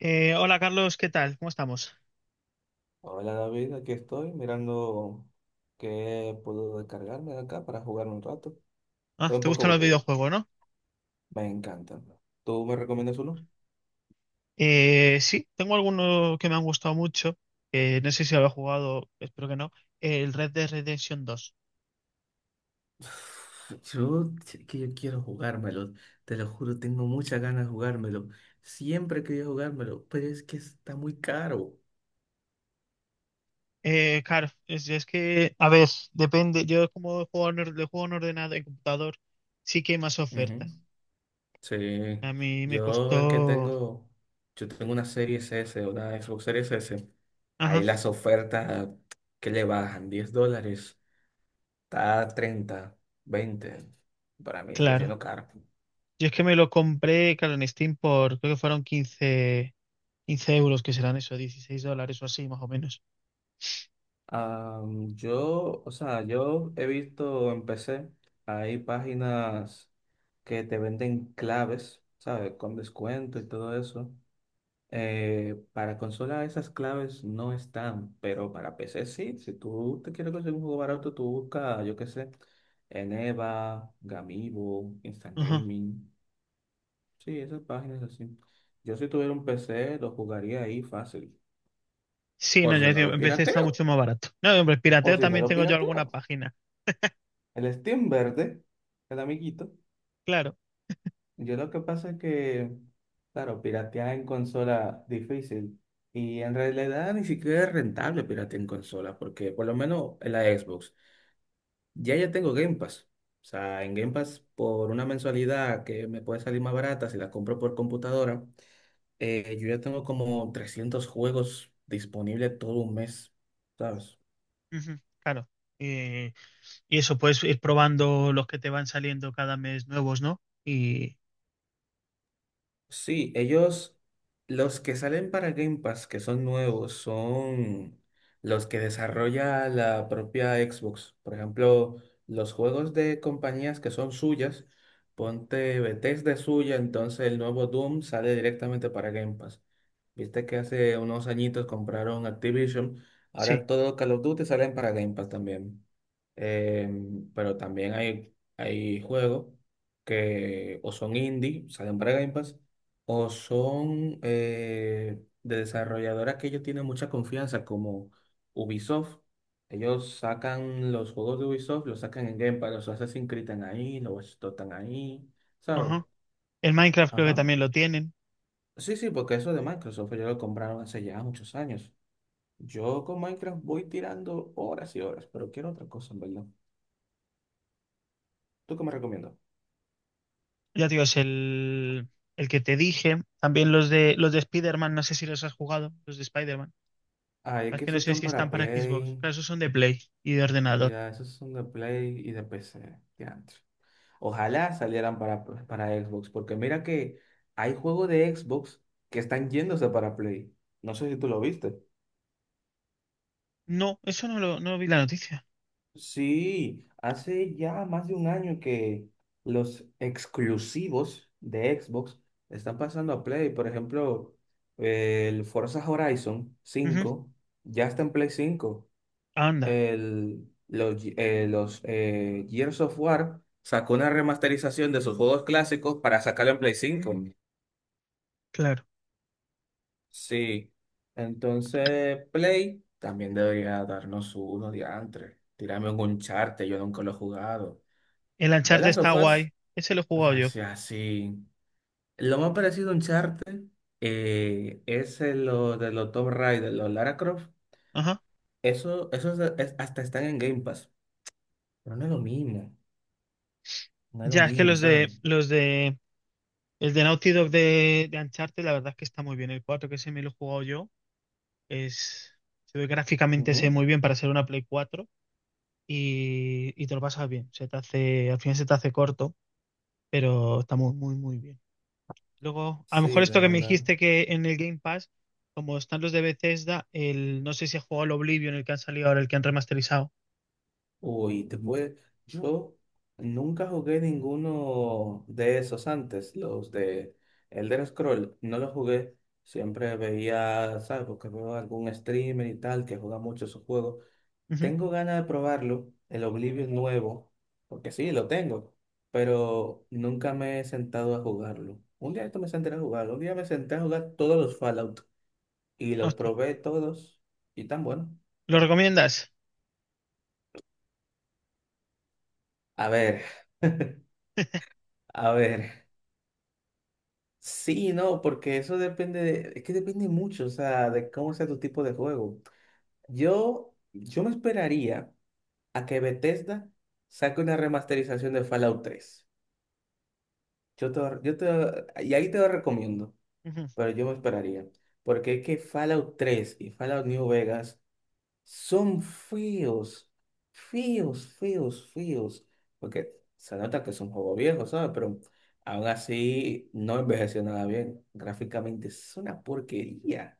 Hola Carlos, ¿qué tal? ¿Cómo estamos? Hola David, aquí estoy mirando qué puedo descargarme de acá para jugar un rato. Ah, Estoy un ¿te poco gustan los aburrido, videojuegos, no? me encanta. ¿Tú me recomiendas uno? Sí, tengo algunos que me han gustado mucho. No sé si lo he jugado, espero que no. El Red Dead Redemption dos. Yo, que yo quiero jugármelo, te lo juro, tengo muchas ganas de jugármelo. Siempre quería jugármelo, pero es que está muy caro. Claro, es que, a ver, depende. Yo como juego juego en ordenador, en computador, sí que hay más Ujú. ofertas. Sí, A mí me yo es que costó. tengo, yo tengo una Series S, una Xbox Series S. Ahí Ajá, las ofertas que le bajan $10. Está a 30, 20. Para mí sigue claro. siendo caro. Yo es que me lo compré, claro, en Steam por, creo que 15 euros, que serán eso, 16 dólares o así, más o menos. Ah, yo, o sea, yo he visto en PC, hay páginas que te venden claves, ¿sabes? Con descuento y todo eso. Para consola esas claves no están, pero para PC sí. Si tú te quieres conseguir un juego barato, tú buscas, yo qué sé, en EVA, Gamigo, Instant Ajá. Gaming. Sí, esas páginas así. Yo si tuviera un PC lo jugaría ahí fácil. Sí, O no, si ya no digo, lo en vez está pirateo. mucho más barato. No, hombre, O pirateo si no también lo tengo yo pirateo. alguna página. El Steam Verde, el amiguito. Claro, Yo lo que pasa es que, claro, piratear en consola difícil. Y en realidad ni siquiera es rentable piratear en consola, porque por lo menos en la Xbox. Ya tengo Game Pass. O sea, en Game Pass por una mensualidad que me puede salir más barata si la compro por computadora, yo ya tengo como 300 juegos disponibles todo un mes, ¿sabes? ujú, claro. Eh, y eso, puedes ir probando los que te van saliendo cada mes nuevos, ¿no? Y Sí, ellos, los que salen para Game Pass, que son nuevos, son los que desarrolla la propia Xbox. Por ejemplo, los juegos de compañías que son suyas, ponte Bethesda es suya, entonces el nuevo Doom sale directamente para Game Pass. Viste que hace unos añitos compraron Activision, sí, ahora todo Call of Duty salen para Game Pass también. Pero también hay juegos que o son indie, salen para Game Pass o son de desarrolladoras que ellos tienen mucha confianza, como Ubisoft. Ellos sacan los juegos de Ubisoft, los sacan en Game Pass, los Assassin's Creed están ahí, los Watch Dogs están ahí, ¿sabes? ajá. El Minecraft creo que Ajá. también lo tienen. Sí, sí, porque eso de Microsoft ellos lo compraron hace ya muchos años. Yo con Minecraft voy tirando horas y horas, pero quiero otra cosa, en verdad. ¿Tú qué me recomiendas? Ya te digo, es el que te dije. También los de Spider-Man, no sé si los has jugado, los de Spider-Man. Ah, es Es que que no esos sé están si para están para Xbox. Play. Claro, esos son de Play y de ordenador. Ya, esos son de Play y de PC. De antes. Ojalá salieran para Xbox, porque mira que hay juegos de Xbox que están yéndose para Play. No sé si tú lo viste. No, eso no lo, no vi la noticia. Sí, hace ya más de un año que los exclusivos de Xbox están pasando a Play. Por ejemplo, el Forza Horizon Ujú, 5 ya está en Play 5. anda, Los Gears of War sacó una remasterización de sus juegos clásicos para sacarlo en Play 5. claro. Sí, entonces Play también debería darnos uno diantre. Tirarme un Uncharted, yo nunca lo he jugado. El De Uncharted las está guay. sofás, Ese lo he o jugado sea, yo. sí. Así, lo más parecido a Uncharted es lo de los Tomb Raider, los Lara Croft. Ajá. Eso, hasta están en Game Pass. Pero no es lo mismo, no es lo Ya, es que mismo, los de ¿sabes? los de el de Naughty Dog de Uncharted, la verdad es que está muy bien. El 4 que se me lo he jugado yo es, se ve gráficamente, se ve Ujú. muy bien para ser una Play 4 y te lo pasas bien. Se te hace, al final se te hace corto, pero está muy, muy, muy bien. Luego, a lo mejor Sí, la esto que me verdad. dijiste que en el Game Pass, como están los de Bethesda, el, no sé si has jugado el Oblivion, el que han salido ahora, el que han remasterizado. Uy, te puede... Yo nunca jugué ninguno de esos antes, los de Elder Scroll, no los jugué. Siempre veía, ¿sabes? Porque veo algún streamer y tal que juega mucho esos juegos. Ujú. Tengo ganas de probarlo, el Oblivion nuevo, porque sí, lo tengo, pero nunca me he sentado a jugarlo. Un día esto me senté a jugarlo, un día me senté a jugar todos los Fallout y los Hostia. probé todos y tan bueno. ¿Lo recomiendas? A ver, a ver. Sí, no, porque eso depende de, es que depende mucho, o sea, de cómo sea tu tipo de juego. Yo me esperaría a que Bethesda saque una remasterización de Fallout 3. Y ahí te lo recomiendo, pero yo me esperaría, porque es que Fallout 3 y Fallout New Vegas son feos, feos, feos, feos. Porque se nota que es un juego viejo, ¿sabes? Pero aún así no envejeció nada bien. Gráficamente es una porquería.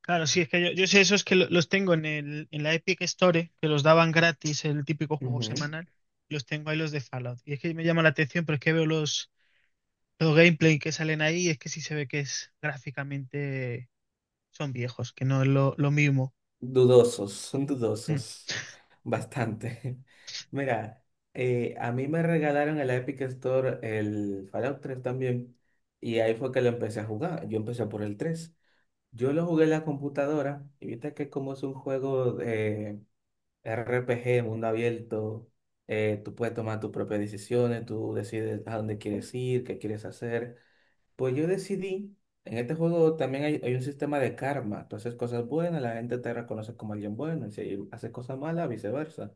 Claro, sí, es que yo sé esos los tengo en la Epic Store, que los daban gratis, el típico juego Ujú. semanal, los tengo ahí los de Fallout. Y es que me llama la atención, pero es que veo los gameplay que salen ahí y es que sí se ve que es gráficamente son viejos, que no es lo mismo. Dudosos, son dudosos. Bastante. Mira, a mí me regalaron el Epic Store el Fallout 3 también. Y ahí fue que lo empecé a jugar. Yo empecé por el 3. Yo lo jugué en la computadora. Y viste que como es un juego RPG, de mundo abierto, tú puedes tomar tus propias decisiones, tú decides a dónde quieres ir, qué quieres hacer. Pues yo decidí, en este juego también hay, un sistema de karma, tú haces cosas buenas, la gente te reconoce como alguien bueno, y si haces cosas malas, viceversa.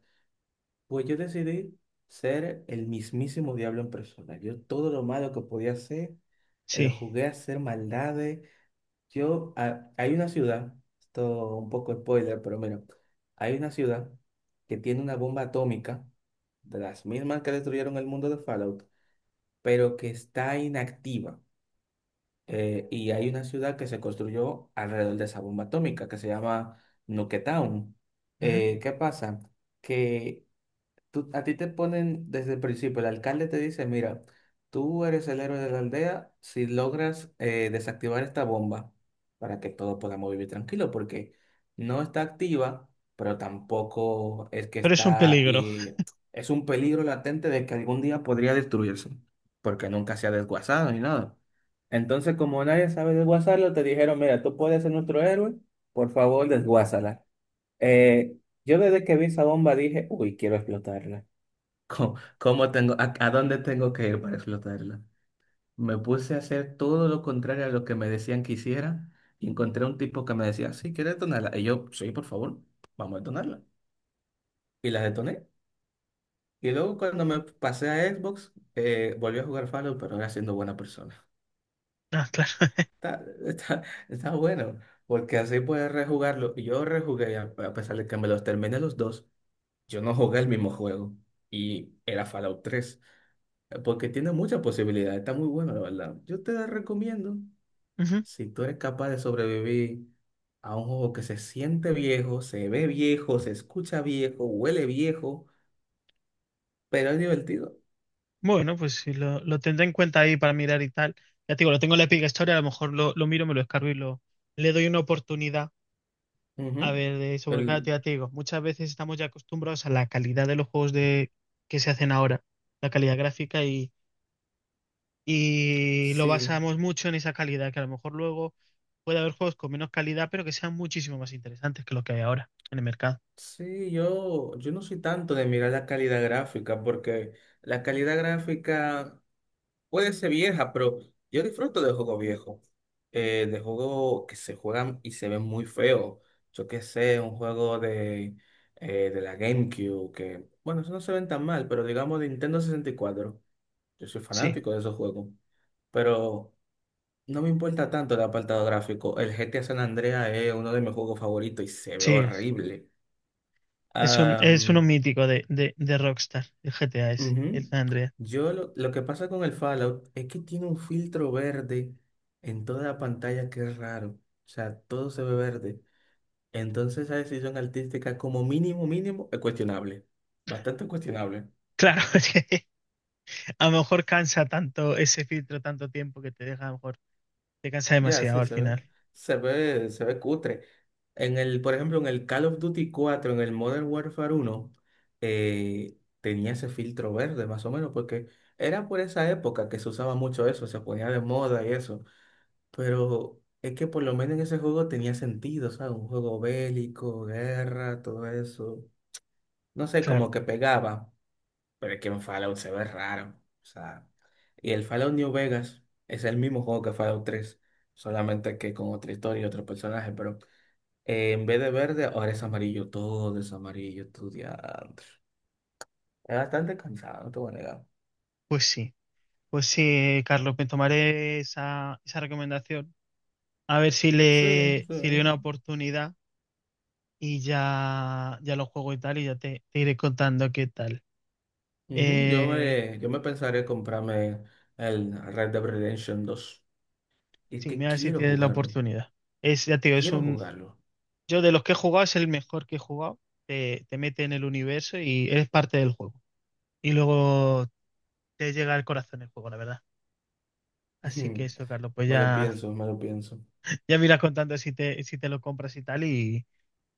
Pues yo decidí ser el mismísimo diablo en persona. Yo todo lo malo que podía hacer, lo Sí. jugué a hacer maldades, hay una ciudad, esto un poco spoiler, pero mira, hay una ciudad que tiene una bomba atómica, de las mismas que destruyeron el mundo de Fallout, pero que está inactiva. Y hay una ciudad que se construyó alrededor de esa bomba atómica, que se llama Nuketown. Ujú. ¿Qué pasa? Que a ti te ponen desde el principio, el alcalde te dice, mira, tú eres el héroe de la aldea si logras desactivar esta bomba para que todos podamos vivir tranquilos, porque no está activa, pero tampoco es que Pero es un está, peligro. y es un peligro latente de que algún día podría destruirse, porque nunca se ha desguazado ni nada. Entonces, como nadie sabe desguazarlo, te dijeron, mira, tú puedes ser nuestro héroe, por favor, desguázala. Eh, yo desde que vi esa bomba dije, uy, quiero explotarla. ¿Cómo tengo, a dónde tengo que ir para explotarla? Me puse a hacer todo lo contrario a lo que me decían que hiciera y encontré un tipo que me decía, sí, ¿quieres detonarla? Y yo, sí, por favor, vamos a detonarla. Y la detoné. Y luego cuando me pasé a Xbox, volví a jugar Fallout, pero no era siendo buena persona. Ah, claro. Está, está, está bueno, porque así puedes rejugarlo. Y yo rejugué, a pesar de que me los terminé los dos, yo no jugué el mismo juego. Y era Fallout 3. Porque tiene muchas posibilidades, está muy bueno, la verdad. Yo te la recomiendo, Ujú. si tú eres capaz de sobrevivir a un juego que se siente viejo, se ve viejo, se escucha viejo, huele viejo, pero es divertido. Bueno, pues sí, lo tendré en cuenta ahí para mirar y tal. Ya te digo, lo tengo en la Epic Store, a lo mejor lo miro, me lo descargo y lo, le doy una oportunidad. A Ujú. ver, de sobrecarga, El, ya te digo, muchas veces estamos ya acostumbrados a la calidad de los juegos que se hacen ahora, la calidad gráfica, y lo sí, basamos mucho en esa calidad, que a lo mejor luego puede haber juegos con menos calidad, pero que sean muchísimo más interesantes que lo que hay ahora en el mercado. sí, yo, yo no soy tanto de mirar la calidad gráfica, porque la calidad gráfica puede ser vieja, pero yo disfruto de juegos viejos, de juegos que se juegan y se ven muy feos. Yo qué sé, un juego de la GameCube, que, bueno, eso no se ven tan mal, pero digamos de Nintendo 64. Yo soy Sí, fanático de esos juegos, pero no me importa tanto el apartado gráfico. El GTA San Andreas es uno de mis juegos favoritos y se ve sí, horrible. Es uno mítico de Rockstar, el GTA ese, el Ujú. San Andreas. Yo lo que pasa con el Fallout es que tiene un filtro verde en toda la pantalla que es raro. O sea, todo se ve verde. Entonces esa decisión artística como mínimo, mínimo, es cuestionable. Bastante cuestionable. Claro, es que a lo mejor cansa tanto ese filtro, tanto tiempo que te deja, a lo mejor te cansa Ya, demasiado sí, al se ve. final. Se ve, se ve cutre. En el, por ejemplo, en el Call of Duty 4 en el Modern Warfare 1 tenía ese filtro verde, más o menos, porque era por esa época que se usaba mucho eso, se ponía de moda y eso. Pero es que por lo menos en ese juego tenía sentido, ¿sabes? Un juego bélico, guerra, todo eso. No sé, Claro, como que pegaba, pero es que en Fallout se ve raro. O sea, y el Fallout New Vegas es el mismo juego que Fallout 3, solamente que con otra historia y otro personaje, pero en vez de verde, ahora es amarillo, todo es amarillo, estudiante. Es bastante cansado, no te voy a negar. pues sí. Pues sí, Carlos, me tomaré esa recomendación. A ver Sí, sí. si le doy una oportunidad y ya, ya lo juego y tal, y ya te iré contando qué tal. Ujú. Yo Eh, me, yo me pensaré comprarme el Red Dead Redemption 2. Es sí, que mira a ver si quiero tienes la jugarlo. oportunidad. Es, ya te digo, es Quiero un. jugarlo. Yo de los que he jugado es el mejor que he jugado. Te mete en el universo y eres parte del juego. Y luego te llega al corazón el juego, la verdad. Así que Ujú. eso, Carlos, pues Me lo ya, pienso, me lo pienso. ya me irás contando si te lo compras y tal. Y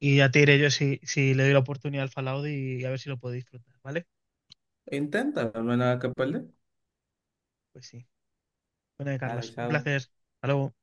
ya te diré yo si, si le doy la oportunidad al Fallout y a ver si lo puedo disfrutar, ¿vale? Intenta, no hay nada que perder. Pues sí. Bueno, Dale, Carlos, un chao. placer. Hasta luego.